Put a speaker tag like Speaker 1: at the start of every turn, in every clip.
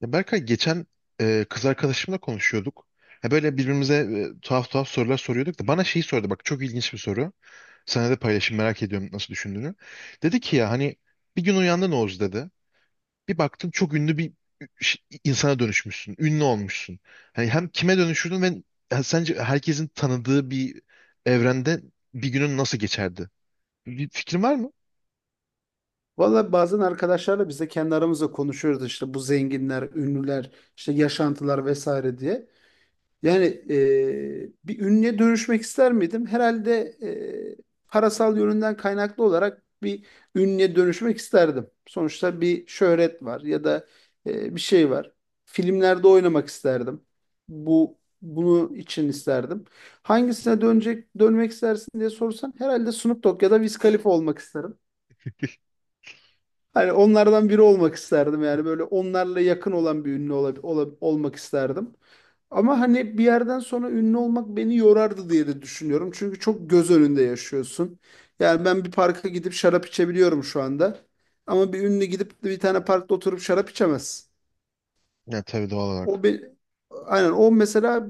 Speaker 1: Ya Berkay geçen kız arkadaşımla konuşuyorduk. Ya böyle birbirimize tuhaf tuhaf sorular soruyorduk da bana şeyi sordu. Bak, çok ilginç bir soru. Sana da paylaşayım, merak ediyorum nasıl düşündüğünü. Dedi ki ya hani bir gün uyandın Oğuz dedi. Bir baktın çok ünlü bir ş- insana dönüşmüşsün. Ünlü olmuşsun. Hani hem kime dönüşürdün ve ha, sence herkesin tanıdığı bir evrende bir günün nasıl geçerdi? Bir fikrin var mı?
Speaker 2: Valla bazen arkadaşlarla biz de kendi aramızda konuşuyoruz işte bu zenginler, ünlüler, işte yaşantılar vesaire diye. Yani bir ünlüye dönüşmek ister miydim? Herhalde parasal yönünden kaynaklı olarak bir ünlüye dönüşmek isterdim. Sonuçta bir şöhret var ya da bir şey var. Filmlerde oynamak isterdim. Bu bunu için isterdim. Hangisine dönmek istersin diye sorsan herhalde Snoop Dogg ya da Wiz Khalifa olmak isterim. Hani onlardan biri olmak isterdim yani böyle onlarla yakın olan bir ünlü olmak isterdim. Ama hani bir yerden sonra ünlü olmak beni yorardı diye de düşünüyorum. Çünkü çok göz önünde yaşıyorsun. Yani ben bir parka gidip şarap içebiliyorum şu anda. Ama bir ünlü gidip de bir tane parkta oturup şarap içemez.
Speaker 1: Ya tabii, doğal
Speaker 2: O
Speaker 1: olarak.
Speaker 2: bir, aynen o mesela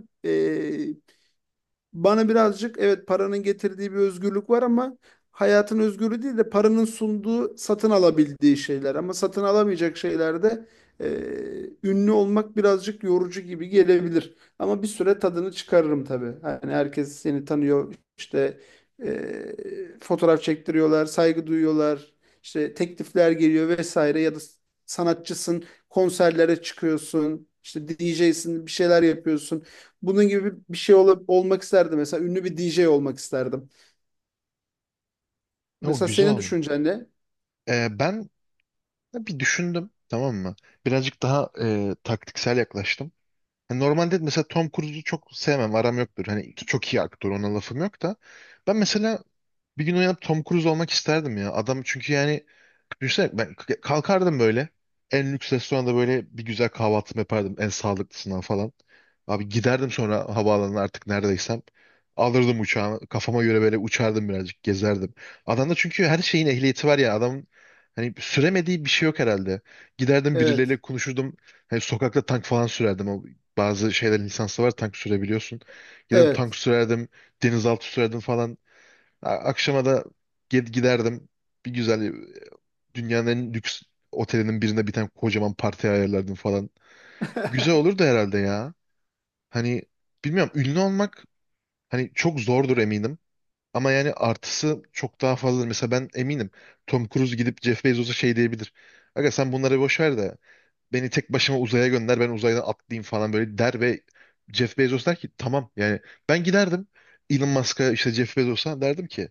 Speaker 2: bana birazcık evet paranın getirdiği bir özgürlük var ama hayatın özgürlüğü değil de paranın sunduğu satın alabildiği şeyler. Ama satın alamayacak şeylerde e, ünlü olmak birazcık yorucu gibi gelebilir. Ama bir süre tadını çıkarırım tabii. Hani herkes seni tanıyor işte fotoğraf çektiriyorlar, saygı duyuyorlar, işte teklifler geliyor vesaire ya da sanatçısın konserlere çıkıyorsun. İşte DJ'sin bir şeyler yapıyorsun. Bunun gibi bir şey olmak isterdim. Mesela ünlü bir DJ olmak isterdim.
Speaker 1: Ya, o
Speaker 2: Mesela
Speaker 1: güzel
Speaker 2: senin
Speaker 1: olur.
Speaker 2: düşüncen ne?
Speaker 1: Ben ya bir düşündüm, tamam mı? Birazcık daha taktiksel yaklaştım. Hani normalde mesela Tom Cruise'u çok sevmem, aram yoktur. Hani çok iyi aktör, ona lafım yok da. Ben mesela bir gün uyanıp Tom Cruise olmak isterdim ya. Adam çünkü yani düşünsene ben kalkardım böyle. En lüks restoranda böyle bir güzel kahvaltımı yapardım. En sağlıklısından falan. Abi giderdim sonra havaalanına, artık neredeysem. Alırdım uçağımı. Kafama göre böyle uçardım birazcık. Gezerdim. Adamda çünkü her şeyin ehliyeti var ya. Adamın hani süremediği bir şey yok herhalde. Giderdim,
Speaker 2: Evet.
Speaker 1: birileriyle konuşurdum. Hani sokakta tank falan sürerdim. O, bazı şeylerin lisansı var, tank sürebiliyorsun. Giderdim tank
Speaker 2: Evet.
Speaker 1: sürerdim. Denizaltı sürerdim falan. Akşama da giderdim. Bir güzel dünyanın en lüks otelinin birinde bir tane kocaman parti ayarlardım falan. Güzel olurdu herhalde ya. Hani bilmiyorum, ünlü olmak hani çok zordur eminim. Ama yani artısı çok daha fazladır. Mesela ben eminim Tom Cruise gidip Jeff Bezos'a şey diyebilir. Aga sen bunları boş ver de beni tek başıma uzaya gönder, ben uzaydan atlayayım falan böyle der ve Jeff Bezos der ki tamam yani. Ben giderdim Elon Musk'a, işte Jeff Bezos'a derdim ki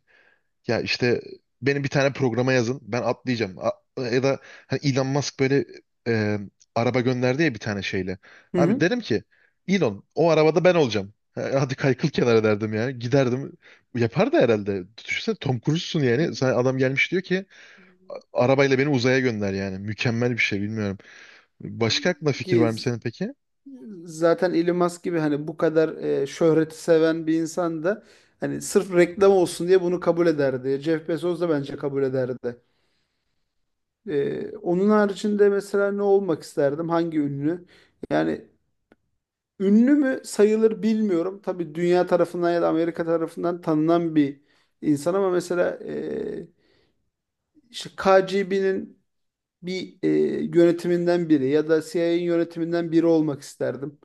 Speaker 1: ya işte beni bir tane programa yazın. Ben atlayacağım. Ya da hani Elon Musk böyle e, araba gönderdi ya bir tane şeyle.
Speaker 2: Hı
Speaker 1: Abi
Speaker 2: hı.
Speaker 1: derim ki Elon, o arabada ben olacağım. Ha, hadi kaykıl kenara derdim yani. Giderdim. Yapar da herhalde. Düşünsene Tom Cruise'sun yani. Sana adam gelmiş diyor ki arabayla beni uzaya gönder" yani. Mükemmel bir şey, bilmiyorum. Başka aklına fikir
Speaker 2: Ki
Speaker 1: var mı senin peki?
Speaker 2: zaten Elon Musk gibi hani bu kadar şöhreti seven bir insan da hani sırf reklam olsun diye bunu kabul ederdi. Jeff Bezos da bence kabul ederdi. Onun haricinde mesela ne olmak isterdim? Hangi ünlü? Yani ünlü mü sayılır bilmiyorum. Tabii dünya tarafından ya da Amerika tarafından tanınan bir insan ama mesela işte KGB'nin bir yönetiminden biri ya da CIA'nin yönetiminden biri olmak isterdim.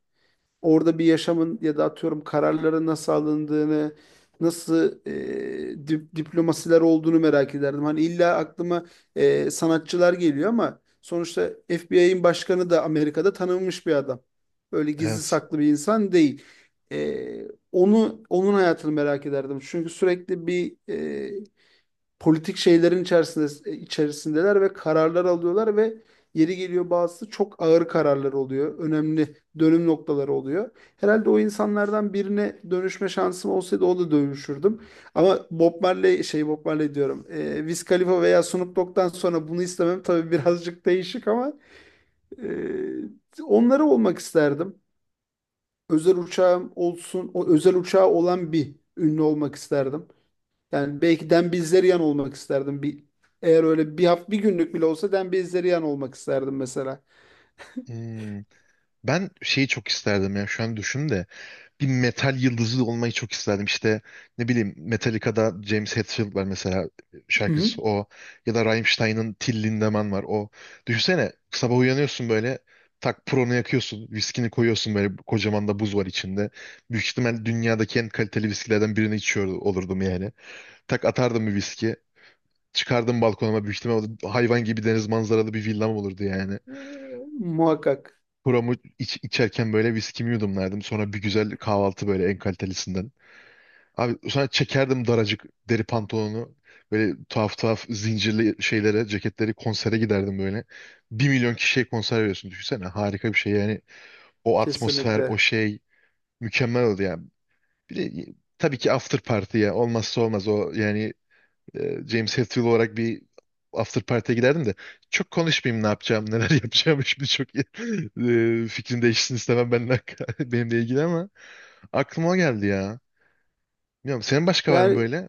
Speaker 2: Orada bir yaşamın ya da atıyorum kararların nasıl alındığını, nasıl diplomasiler olduğunu merak ederdim. Hani illa aklıma sanatçılar geliyor ama sonuçta FBI'nin başkanı da Amerika'da tanınmış bir adam. Böyle gizli
Speaker 1: Evet.
Speaker 2: saklı bir insan değil. Onun hayatını merak ederdim. Çünkü sürekli bir politik şeylerin içerisindeler ve kararlar alıyorlar ve yeri geliyor bazısı çok ağır kararlar oluyor. Önemli dönüm noktaları oluyor. Herhalde o insanlardan birine dönüşme şansım olsaydı o da dönüşürdüm. Ama Bob Marley şey Bob Marley diyorum. Wiz Khalifa veya Snoop Dogg'dan sonra bunu istemem tabii birazcık değişik ama onları olmak isterdim. Özel uçağım olsun, o özel uçağı olan bir ünlü olmak isterdim. Yani belki Dembélé olmak isterdim. Eğer öyle bir hafta bir günlük bile olsa Dembélé olmak isterdim mesela.
Speaker 1: Hmm. Ben şeyi çok isterdim ya, şu an düşün de bir metal yıldızı olmayı çok isterdim. İşte ne bileyim, Metallica'da James Hetfield var mesela,
Speaker 2: Hı hı.
Speaker 1: şarkıcısı o, ya da Rammstein'ın Till Lindemann var o. Düşünsene sabah uyanıyorsun böyle, tak pronu yakıyorsun, viskini koyuyorsun böyle, kocaman da buz var içinde. Büyük ihtimal dünyadaki en kaliteli viskilerden birini içiyor olurdum yani. Tak atardım bir viski, çıkardım balkonuma, büyük ihtimal o da hayvan gibi deniz manzaralı bir villam olurdu yani.
Speaker 2: Ee, muhakkak
Speaker 1: Kuramı iç, içerken böyle viskimi yudumlardım. Sonra bir güzel kahvaltı böyle, en kalitelisinden. Abi sonra çekerdim daracık deri pantolonu. Böyle tuhaf tuhaf zincirli şeylere, ceketleri, konsere giderdim böyle. 1 milyon kişiye konser veriyorsun. Düşünsene harika bir şey yani. O atmosfer, o
Speaker 2: kesinlikle.
Speaker 1: şey mükemmel oldu yani. Bir de tabii ki after party ya. Olmazsa olmaz o yani. James Hetfield olarak bir after party'e giderdim de çok konuşmayayım, ne yapacağım, neler yapacağım şimdi, çok iyi. Fikrim değişsin istemem benimle, benimle ilgili, ama aklıma o geldi ya. Bilmiyorum, senin başka var mı
Speaker 2: Yani
Speaker 1: böyle?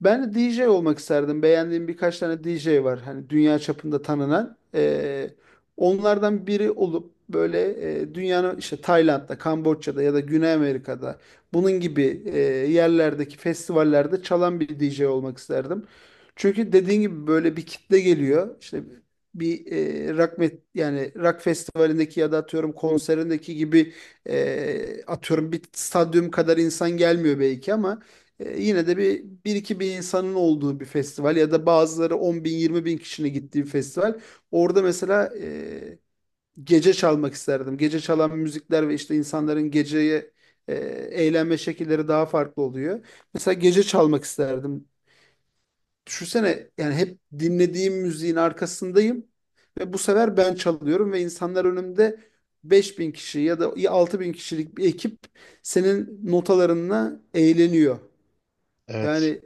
Speaker 2: ben de DJ olmak isterdim. Beğendiğim birkaç tane DJ var. Hani dünya çapında tanınan. Onlardan biri olup böyle dünyanın işte Tayland'da, Kamboçya'da ya da Güney Amerika'da bunun gibi yerlerdeki festivallerde çalan bir DJ olmak isterdim. Çünkü dediğin gibi böyle bir kitle geliyor. İşte bir yani rock festivalindeki ya da atıyorum konserindeki gibi atıyorum bir stadyum kadar insan gelmiyor belki ama yine de bir 2.000 insanın olduğu bir festival ya da bazıları 10.000 20.000 kişinin gittiği bir festival. Orada mesela gece çalmak isterdim. Gece çalan müzikler ve işte insanların geceye e, eğlenme şekilleri daha farklı oluyor. Mesela gece çalmak isterdim. Düşünsene yani hep dinlediğim müziğin arkasındayım ve bu sefer ben çalıyorum ve insanlar önümde 5.000 kişi ya da 6.000 kişilik bir ekip senin notalarınla eğleniyor.
Speaker 1: Evet.
Speaker 2: Yani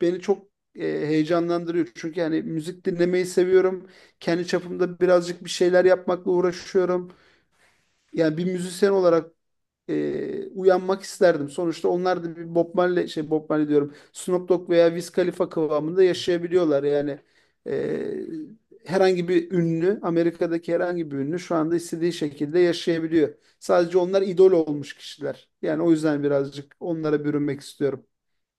Speaker 2: beni çok heyecanlandırıyor. Çünkü yani müzik dinlemeyi seviyorum. Kendi çapımda birazcık bir şeyler yapmakla uğraşıyorum. Yani bir müzisyen olarak uyanmak isterdim. Sonuçta onlar da bir Bob Marley, şey Bob Marley diyorum. Snoop Dogg veya Wiz Khalifa kıvamında yaşayabiliyorlar. Yani e, herhangi bir ünlü, Amerika'daki herhangi bir ünlü şu anda istediği şekilde yaşayabiliyor. Sadece onlar idol olmuş kişiler. Yani o yüzden birazcık onlara bürünmek istiyorum.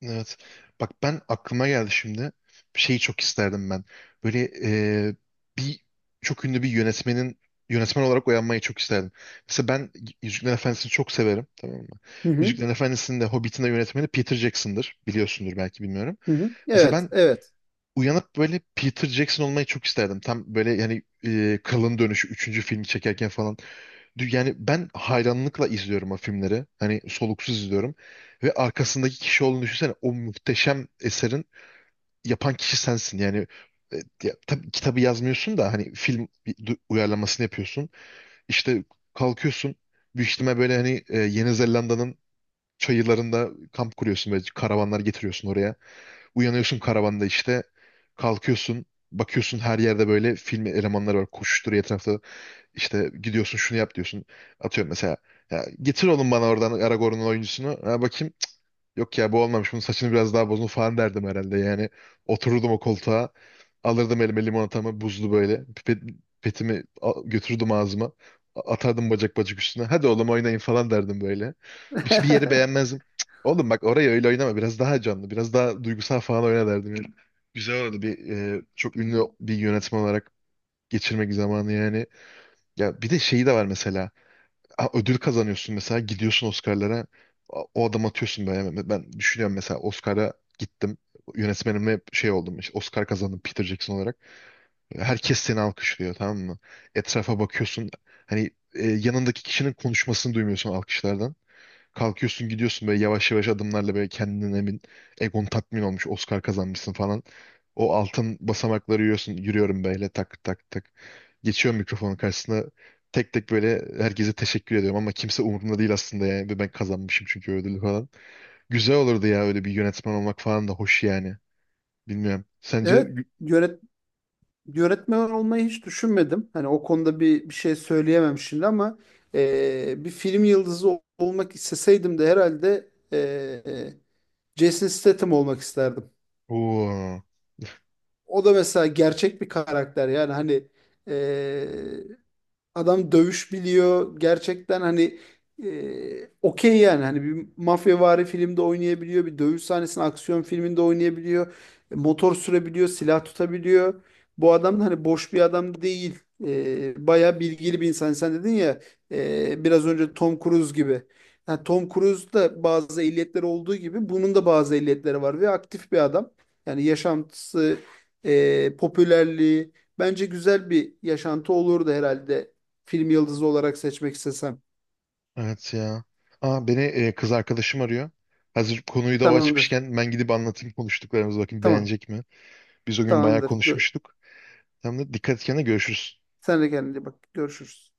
Speaker 1: Evet. Bak, ben aklıma geldi şimdi. Bir şeyi çok isterdim ben. Böyle e, bir çok ünlü bir yönetmenin, yönetmen olarak uyanmayı çok isterdim. Mesela ben Yüzüklerin Efendisi'ni çok severim, tamam mı?
Speaker 2: Hı hı,
Speaker 1: Yüzüklerin Efendisi'nin de Hobbit'in de yönetmeni Peter Jackson'dır. Biliyorsundur, belki bilmiyorum.
Speaker 2: hı hı.
Speaker 1: Mesela
Speaker 2: Evet,
Speaker 1: ben
Speaker 2: evet.
Speaker 1: uyanıp böyle Peter Jackson olmayı çok isterdim. Tam böyle yani Kralın Dönüşü 3. filmi çekerken falan. Yani ben hayranlıkla izliyorum o filmleri. Hani soluksuz izliyorum. Ve arkasındaki kişi olduğunu düşünsene. O muhteşem eserin yapan kişi sensin. Yani e, tabii kitabı yazmıyorsun da hani film bir uyarlamasını yapıyorsun. İşte kalkıyorsun. Büyük ihtimal böyle hani Yeni Zelanda'nın çayırlarında kamp kuruyorsun. Böyle karavanlar getiriyorsun oraya. Uyanıyorsun karavanda işte. Kalkıyorsun. Bakıyorsun her yerde böyle film elemanları var. Koşuşturuyor etrafta. İşte gidiyorsun, şunu yap diyorsun. Atıyorum mesela. Ya, getir oğlum bana oradan Aragorn'un oyuncusunu. Ha, bakayım. Yok ya, bu olmamış. Bunun saçını biraz daha bozun falan derdim herhalde. Yani otururdum o koltuğa. Alırdım elime limonatamı buzlu böyle. Pipetimi götürürdüm ağzıma. Atardım bacak bacak üstüne. Hadi oğlum oynayın falan derdim böyle. Bir yeri beğenmezdim. Cık, oğlum bak, orayı öyle oynama. Biraz daha canlı, biraz daha duygusal falan oyna derdim. Yani. Güzel olurdu bir çok ünlü bir yönetmen olarak geçirmek zamanı yani. Ya bir de şeyi de var mesela. Ha, ödül kazanıyorsun mesela, gidiyorsun Oscar'lara. O adam atıyorsun böyle. Ben düşünüyorum mesela Oscar'a gittim. Yönetmenime şey oldum, işte Oscar kazandım Peter Jackson olarak. Herkes seni alkışlıyor, tamam mı? Etrafa bakıyorsun. Hani yanındaki kişinin konuşmasını duymuyorsun alkışlardan. Kalkıyorsun, gidiyorsun böyle yavaş yavaş adımlarla, böyle kendinden emin. Egon tatmin olmuş. Oscar kazanmışsın falan. O altın basamakları yürüyorsun. Yürüyorum böyle, tak tak tak. Geçiyorum mikrofonun karşısına. Tek tek böyle herkese teşekkür ediyorum ama kimse umurumda değil aslında yani. Ve ben kazanmışım çünkü ödülü falan. Güzel olurdu ya, öyle bir yönetmen olmak falan da hoş yani. Bilmiyorum. Sence...
Speaker 2: Evet, yönet yönetmen olmayı hiç düşünmedim. Hani o konuda bir şey söyleyemem şimdi ama bir film yıldızı olmak isteseydim de herhalde Jason Statham olmak isterdim.
Speaker 1: Oo,
Speaker 2: O da mesela gerçek bir karakter yani hani adam dövüş biliyor. Gerçekten hani okey yani. Hani bir mafyavari filmde oynayabiliyor. Bir dövüş sahnesinde aksiyon filminde oynayabiliyor. Motor sürebiliyor. Silah tutabiliyor. Bu adam da hani boş bir adam değil. Bayağı bilgili bir insan. Sen dedin ya biraz önce Tom Cruise gibi. Yani Tom Cruise'da bazı ehliyetleri olduğu gibi bunun da bazı ehliyetleri var ve aktif bir adam. Yani yaşantısı, popülerliği, bence güzel bir yaşantı olurdu herhalde film yıldızı olarak seçmek istesem.
Speaker 1: evet ya. Aa, beni kız arkadaşım arıyor. Hazır konuyu da o
Speaker 2: Tamamdır.
Speaker 1: açmışken ben gidip anlatayım konuştuklarımızı, bakayım
Speaker 2: Tamam.
Speaker 1: beğenecek mi? Biz o gün bayağı
Speaker 2: Tamamdır.
Speaker 1: konuşmuştuk. Hem de dikkat et kendine, görüşürüz.
Speaker 2: Sen de kendine iyi bak. Görüşürüz.